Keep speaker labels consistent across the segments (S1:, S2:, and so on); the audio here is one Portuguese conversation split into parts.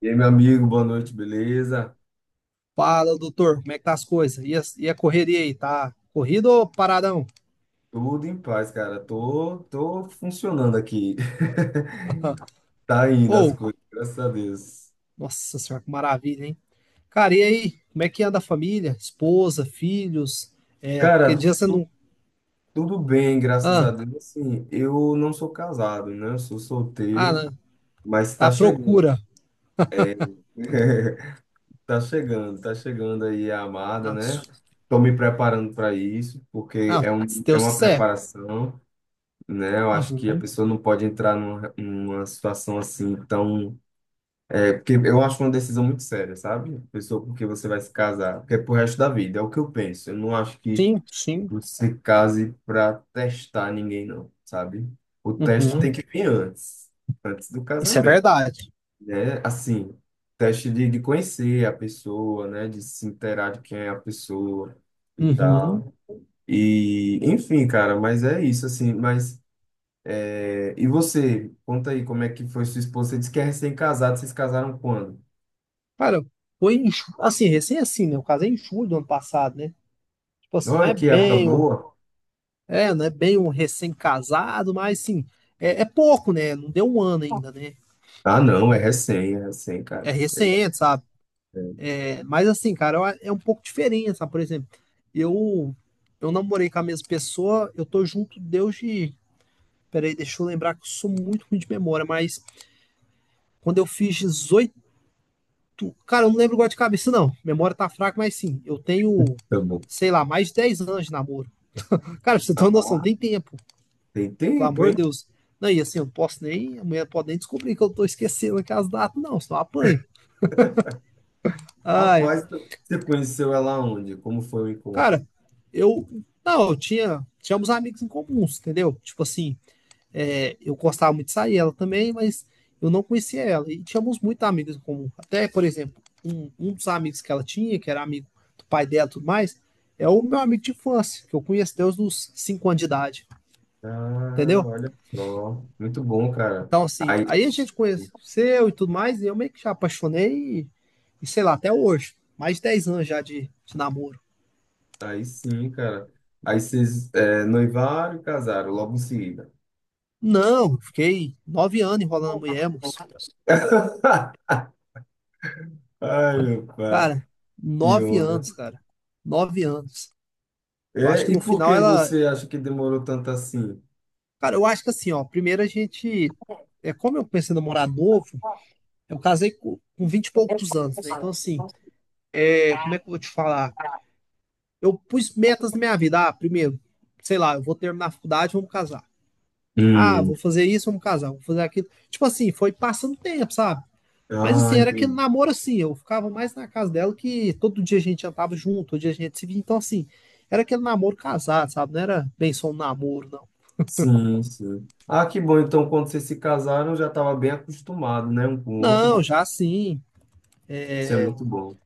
S1: E aí, meu amigo, boa noite, beleza?
S2: Fala, doutor, como é que tá as coisas? E a correria aí, tá corrido ou paradão?
S1: Tudo em paz, cara. Tô funcionando aqui. Tá indo as
S2: Ou,
S1: coisas, graças a Deus.
S2: nossa senhora, que maravilha, hein? Cara, e aí, como é que anda a família? Esposa, filhos? É, porque
S1: Cara,
S2: dia você não.
S1: tudo bem, graças
S2: Ah,
S1: a Deus. Assim, eu não sou casado, né? Eu sou
S2: ah,
S1: solteiro,
S2: não,
S1: mas
S2: tá
S1: tá
S2: à
S1: chegando.
S2: procura.
S1: Tá chegando aí a amada,
S2: Não,
S1: né? Tô me preparando para isso,
S2: não, se
S1: é
S2: Deus
S1: uma
S2: quiser.
S1: preparação, né? Eu acho que a
S2: Uhum.
S1: pessoa não pode entrar numa situação assim tão... É porque eu acho uma decisão muito séria, sabe? Pessoa com quem você vai se casar, porque é pro resto da vida, é o que eu penso. Eu não acho que
S2: Sim, sim.
S1: você case pra testar ninguém, não, sabe? O teste tem
S2: Uhum.
S1: que vir antes, antes do
S2: Isso é
S1: casamento,
S2: verdade.
S1: né? Assim, teste de conhecer a pessoa, né? De se inteirar de quem é a pessoa e
S2: Uhum.
S1: tal. E, enfim, cara, mas é isso, assim. Mas, e você, conta aí como é que foi sua esposa? Você disse que é recém-casado, vocês casaram quando?
S2: Cara, foi em, assim, recém assim, né? O caso é em julho do ano passado, né? Tipo assim, não
S1: Olha
S2: é
S1: que época
S2: bem.
S1: boa!
S2: É, né? Bem um recém-casado, mas assim, é pouco, né? Não deu um ano ainda, né?
S1: Ah, não, é recém, cara.
S2: É recente, sabe?
S1: É,
S2: É, mas assim, cara, é um pouco diferente, sabe? Por exemplo, eu eu namorei com a mesma pessoa, eu tô junto desde. Peraí, deixa eu lembrar que eu sou muito ruim de memória, mas quando eu fiz 18, cara, eu não lembro agora de cabeça, não. Memória tá fraca, mas sim, eu tenho,
S1: tá bom.
S2: sei lá, mais de 10 anos de namoro. Cara, pra você ter uma noção,
S1: Ah,
S2: tem tempo.
S1: tem
S2: Pelo
S1: tempo,
S2: amor
S1: hein?
S2: de Deus. Não, e assim, eu não posso nem. A mulher pode nem descobrir que eu tô esquecendo aqui as datas, não, senão eu apanho. Ah, é.
S1: Rapaz, você conheceu ela onde? Como foi o encontro?
S2: Cara, eu. Não, eu tinha. Tínhamos amigos em comuns, entendeu? Tipo assim, é, eu gostava muito de sair ela também, mas eu não conhecia ela. E tínhamos muitos amigos em comum. Até, por exemplo, um dos amigos que ela tinha, que era amigo do pai dela e tudo mais, é o meu amigo de infância, que eu conheço desde os 5 anos de idade,
S1: Ah,
S2: entendeu?
S1: olha só. Muito bom, cara.
S2: Então, assim,
S1: Aí,
S2: aí a gente conheceu e tudo mais, e eu meio que já apaixonei, e sei lá, até hoje, mais de 10 anos já de namoro.
S1: aí sim, cara. Aí vocês noivaram e casaram logo em seguida.
S2: Não, fiquei 9 anos enrolando a mulher, moço.
S1: Ai, meu pai,
S2: Cara,
S1: que
S2: 9
S1: onda.
S2: anos, cara. Nove anos. Eu acho
S1: É,
S2: que
S1: e
S2: no
S1: por
S2: final
S1: que
S2: ela.
S1: você acha que demorou tanto assim?
S2: Cara, eu acho que assim, ó, primeiro a gente. É, como eu comecei a namorar novo, eu casei com 20 e poucos anos, né? Então, assim, é, como é que eu vou te falar? Eu pus metas na minha vida. Ah, primeiro, sei lá, eu vou terminar a faculdade, vamos casar. Ah,
S1: Hum.
S2: vou fazer isso, vamos casar, vou fazer aquilo. Tipo assim, foi passando tempo, sabe? Mas
S1: Ah,
S2: assim, era aquele
S1: entendi.
S2: namoro assim, eu ficava mais na casa dela que todo dia a gente jantava junto, todo dia a gente se via. Então assim, era aquele namoro casado, sabe? Não era bem só um namoro, não.
S1: Sim, sim. Ah, que bom. Então, quando vocês se casaram, já estava bem acostumado, né, um com o outro.
S2: Não, já sim.
S1: Isso é muito bom.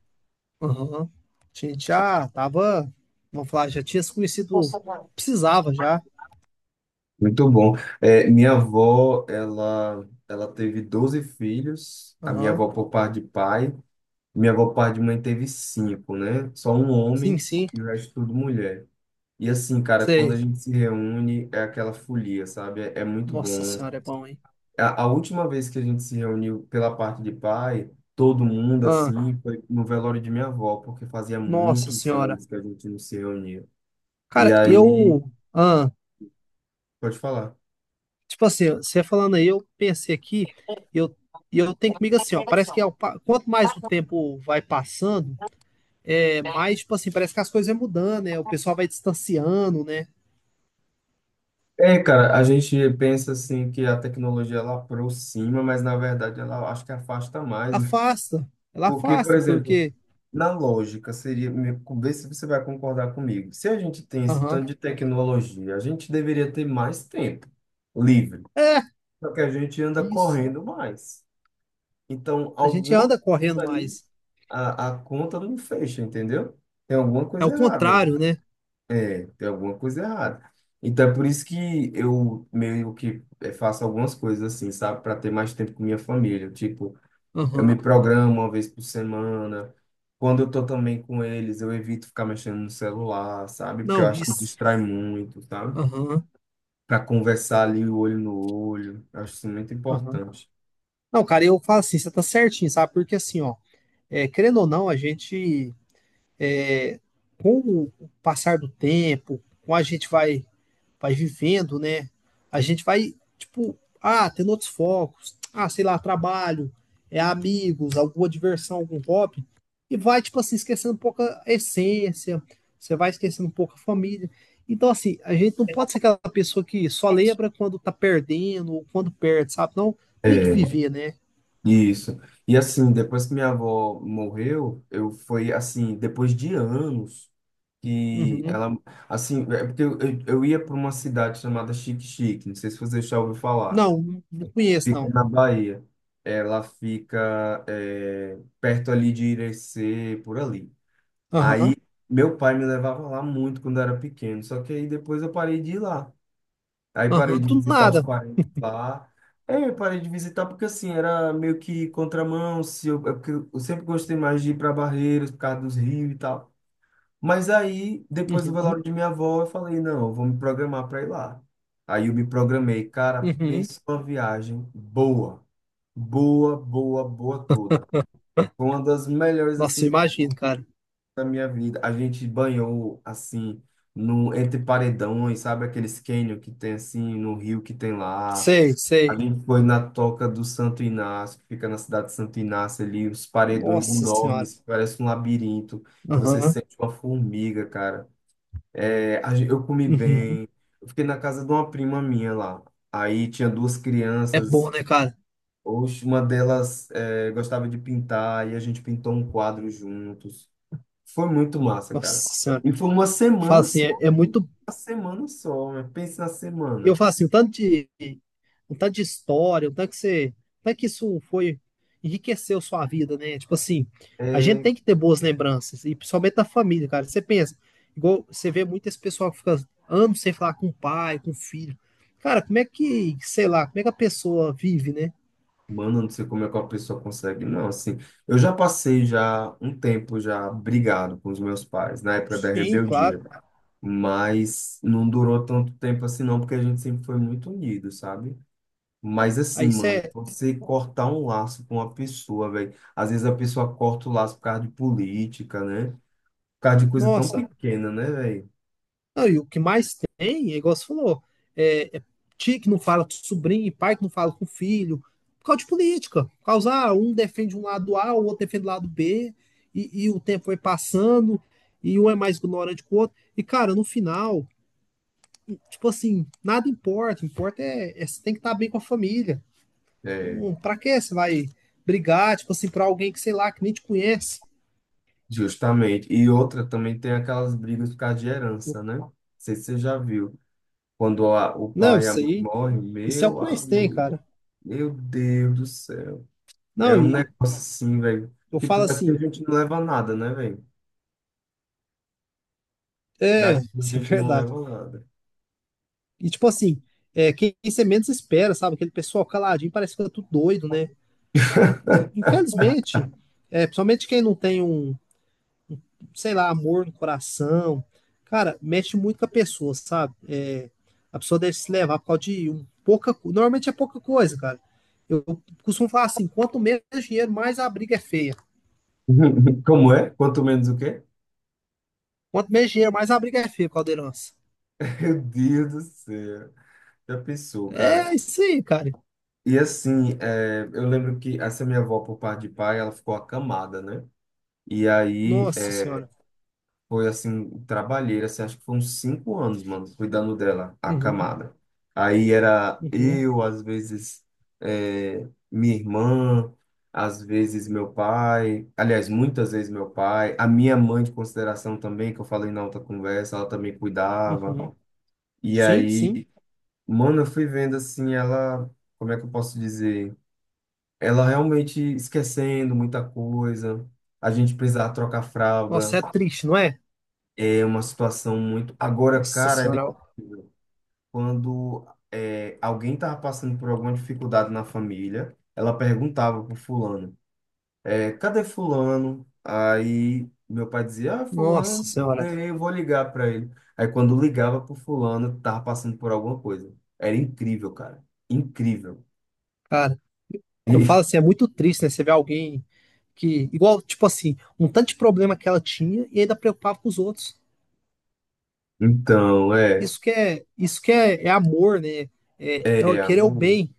S2: Aham. A gente já tava, vamos falar, já tinha se conhecido, precisava já.
S1: Muito bom. É, minha avó, ela teve 12 filhos. A minha
S2: Aham.
S1: avó por parte de pai. Minha avó por parte de mãe teve cinco, né? Só um
S2: Sim,
S1: homem
S2: sim,
S1: e o resto tudo mulher. E assim, cara, quando a
S2: sei.
S1: gente se reúne, é aquela folia, sabe? É, é muito
S2: Nossa
S1: bom.
S2: senhora, é bom, hein?
S1: A última vez que a gente se reuniu pela parte de pai, todo mundo
S2: Ah,
S1: assim, foi no velório de minha avó, porque fazia
S2: nossa
S1: muitos
S2: senhora.
S1: anos que a gente não se reunia.
S2: Cara,
S1: E aí,
S2: eu. Ah.
S1: pode falar.
S2: Tipo assim, você falando aí, eu pensei aqui, e eu, e eu tenho comigo assim, ó, parece que quanto mais o tempo vai passando, é mais, tipo assim, parece que as coisas vão mudando, né? O pessoal vai distanciando, né?
S1: É, cara, a gente pensa assim que a tecnologia ela aproxima, mas na verdade ela acho que afasta mais, né?
S2: Afasta, ela
S1: Porque, por
S2: afasta,
S1: exemplo,
S2: porque,
S1: na lógica seria, vê se você vai concordar comigo. Se a gente tem esse
S2: aham,
S1: tanto de tecnologia, a gente deveria ter mais tempo livre.
S2: é,
S1: Só que a gente anda
S2: isso.
S1: correndo mais. Então,
S2: A gente
S1: alguma
S2: anda correndo
S1: coisa aí,
S2: mais.
S1: a conta não fecha, entendeu? Tem alguma
S2: É o
S1: coisa errada aí.
S2: contrário, né?
S1: É, tem alguma coisa errada. Então, é por isso que eu meio que faço algumas coisas assim, sabe? Para ter mais tempo com minha família. Tipo, eu me
S2: Aham,
S1: programo uma vez por semana. Quando eu tô também com eles, eu evito ficar mexendo no celular, sabe? Porque eu
S2: não,
S1: acho que
S2: isso,
S1: distrai muito, sabe?
S2: aham,
S1: Para conversar ali, o olho no olho. Eu acho isso muito
S2: aham.
S1: importante.
S2: Não, cara, eu falo assim, você tá certinho, sabe? Porque assim, ó, é, querendo ou não, a gente é, com o passar do tempo, com a gente vai vivendo, né? A gente vai, tipo, ah, tendo outros focos, ah, sei lá, trabalho, é amigos, alguma diversão, algum hobby, e vai, tipo assim, esquecendo um pouco a essência, você vai esquecendo um pouco a família. Então, assim, a gente não pode ser aquela pessoa que só lembra quando tá perdendo ou quando perde, sabe? Não, tem que
S1: É
S2: viver, né?
S1: Isso. E assim, depois que minha avó morreu, eu foi assim, depois de anos que
S2: Uhum.
S1: ela, assim, é porque eu ia para uma cidade chamada Xique-Xique, não sei se você já ouviu falar.
S2: Não, não conheço,
S1: Fica
S2: não.
S1: na Bahia. Ela fica perto ali de Irecê, por ali. Aí
S2: Aham,
S1: meu pai me levava lá muito quando eu era pequeno, só que aí depois eu parei de ir lá. Aí parei
S2: aham,
S1: de
S2: do
S1: visitar os
S2: nada.
S1: parentes lá. É, eu parei de visitar porque assim, era meio que contramão, se eu, é porque eu sempre gostei mais de ir para Barreiras por causa dos rios e tal. Mas aí, depois do
S2: Uhum,
S1: velório de minha avó, eu falei, não, eu vou me programar para ir lá. Aí eu me programei, cara,
S2: uhum.
S1: pensa uma viagem boa, boa, boa, boa toda. Foi uma das melhores
S2: Nossa,
S1: assim
S2: eu imagino, cara.
S1: da minha vida. A gente banhou assim no entre paredões, sabe aqueles cânion que tem assim no rio que tem lá.
S2: Sei,
S1: A
S2: sei.
S1: gente foi na Toca do Santo Inácio, que fica na cidade de Santo Inácio ali, os paredões
S2: Nossa senhora.
S1: enormes, que parece um labirinto. Você
S2: Aham.
S1: sente uma formiga, cara. É, eu comi
S2: Uhum.
S1: bem. Eu fiquei na casa de uma prima minha lá. Aí tinha duas
S2: É
S1: crianças.
S2: bom, né, cara?
S1: Oxe, uma delas gostava de pintar e a gente pintou um quadro juntos. Foi muito massa,
S2: Nossa
S1: cara.
S2: senhora.
S1: E foi uma
S2: Fala
S1: semana
S2: assim, é,
S1: só.
S2: é muito.
S1: Uma semana só, né? Pensa na
S2: Eu
S1: semana.
S2: falo assim, um tanto de história, o tanto que você. O tanto que isso foi. Enriqueceu sua vida, né? Tipo assim, a gente
S1: É,
S2: tem que ter boas lembranças, e principalmente da família, cara. Você pensa, igual você vê muito esse pessoal que fica anos sem falar com o pai, com o filho. Cara, como é que, sei lá, como é que a pessoa vive, né?
S1: mano, eu não sei como é que a pessoa consegue, não, assim. Eu já passei já um tempo já brigado com os meus pais, na época da
S2: Sim, claro.
S1: rebeldia, mas não durou tanto tempo assim não, porque a gente sempre foi muito unido, sabe? Mas
S2: Aí
S1: assim, mano,
S2: você,
S1: você cortar um laço com uma pessoa, velho, às vezes a pessoa corta o laço por causa de política, né? Por causa de coisa tão
S2: nossa.
S1: pequena, né, velho?
S2: Não, e o que mais tem, é igual você falou, é tio que não fala com sobrinho, pai que não fala com filho, por causa de política. Por causa, ah, um defende um lado A, o outro defende o lado B, e o tempo vai passando, e um é mais ignorante que o outro. E, cara, no final, tipo assim, nada importa. Importa é você tem que estar bem com a família.
S1: É,
S2: Pra que você vai brigar, tipo assim, pra alguém que, sei lá, que nem te conhece?
S1: justamente. E outra também tem aquelas brigas por causa de
S2: Eu,
S1: herança, né? Não sei se você já viu. Quando o
S2: não,
S1: pai e a
S2: isso
S1: mãe
S2: aí,
S1: morrem,
S2: isso é o
S1: meu
S2: que mais tem,
S1: amigo,
S2: cara.
S1: meu Deus do céu. É
S2: Não,
S1: um
S2: e
S1: negócio assim, velho.
S2: eu
S1: Tipo,
S2: falo
S1: daqui a
S2: assim,
S1: gente não leva nada, né, velho?
S2: é,
S1: Daqui a
S2: isso é
S1: gente não
S2: verdade.
S1: leva nada.
S2: E tipo assim, é, quem você menos espera, sabe? Aquele pessoal caladinho parece que tá tudo doido, né? Infelizmente, é, principalmente quem não tem um, sei lá, amor no coração, cara, mexe muito com a pessoa, sabe? É, a pessoa deve se levar por causa de um, pouca, normalmente é pouca coisa, cara. Eu costumo falar assim, quanto menos dinheiro, mais a briga é feia.
S1: Como é? Quanto menos o quê?
S2: Quanto menos dinheiro, mais a briga é feia, Caldeirãs.
S1: Meu Deus do céu. Já pensou,
S2: É
S1: cara?
S2: isso aí, cara.
S1: E assim, eu lembro que essa minha avó, por parte de pai, ela ficou acamada, né? E aí
S2: Nossa senhora.
S1: foi assim, trabalheira, assim, acho que foram uns 5 anos, mano, cuidando dela, a
S2: Uhum,
S1: camada. Aí era
S2: uhum,
S1: eu, às vezes, minha irmã, às vezes meu pai, aliás, muitas vezes meu pai, a minha mãe de consideração também, que eu falei na outra conversa, ela também
S2: uhum.
S1: cuidava. E
S2: Sim, sim.
S1: aí, mano, eu fui vendo assim, ela, como é que eu posso dizer? Ela realmente esquecendo muita coisa, a gente precisava trocar fralda.
S2: Nossa, é triste, não é?
S1: É uma situação muito... Agora,
S2: Nossa
S1: cara, era
S2: senhora,
S1: incrível. Quando alguém estava passando por alguma dificuldade na família, ela perguntava pro fulano, cadê fulano? Aí meu pai dizia, ah,
S2: nossa
S1: fulano,
S2: senhora,
S1: eu vou ligar para ele. Aí quando ligava pro fulano, tava passando por alguma coisa. Era incrível, cara. Incrível.
S2: cara, eu falo assim, é muito triste, né? Você vê alguém que, igual, tipo assim, um tanto de problema que ela tinha e ainda preocupava com os outros.
S1: Então, é,
S2: Isso que é, é amor, né? É,
S1: é,
S2: é querer o bem,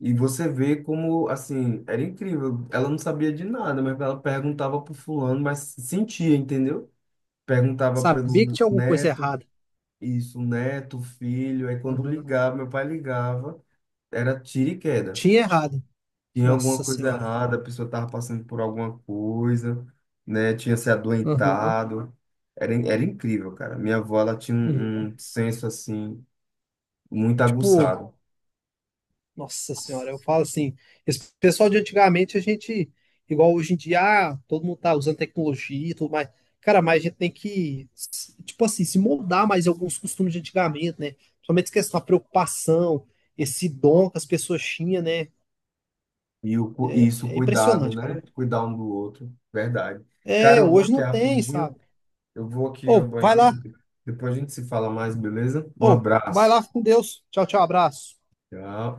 S1: e você vê como, assim, era incrível. Ela não sabia de nada, mas ela perguntava pro fulano, mas sentia, entendeu? Perguntava
S2: saber que
S1: pelo
S2: tinha alguma coisa
S1: neto,
S2: errada.
S1: isso, neto, filho. Aí quando
S2: Aham.
S1: ligava, meu pai ligava, era tiro e queda.
S2: Tinha errado.
S1: Tinha alguma
S2: Nossa
S1: coisa
S2: senhora.
S1: errada, a pessoa estava passando por alguma coisa, né? Tinha se
S2: Aham.
S1: adoentado. Era, era incrível, cara. Minha avó, ela tinha
S2: Uhum.
S1: um senso, assim, muito
S2: Tipo,
S1: aguçado.
S2: nossa senhora, eu falo assim, esse pessoal de antigamente, a gente, igual hoje em dia, ah, todo mundo tá usando tecnologia e tudo mais. Cara, mas a gente tem que, tipo assim, se moldar mais em alguns costumes de antigamente, né? Principalmente essa questão da preocupação, esse dom que as pessoas tinham, né?
S1: E o, isso, um
S2: É
S1: cuidado,
S2: impressionante, cara.
S1: né? Cuidar um do outro, verdade. Cara,
S2: É,
S1: eu vou
S2: hoje
S1: aqui
S2: não tem,
S1: rapidinho,
S2: sabe?
S1: eu vou aqui ao
S2: Ô, vai lá,
S1: banheiro, depois a gente se fala mais, beleza? Um
S2: ô, vai
S1: abraço.
S2: lá, fica com Deus. Tchau, tchau, abraço.
S1: Tchau.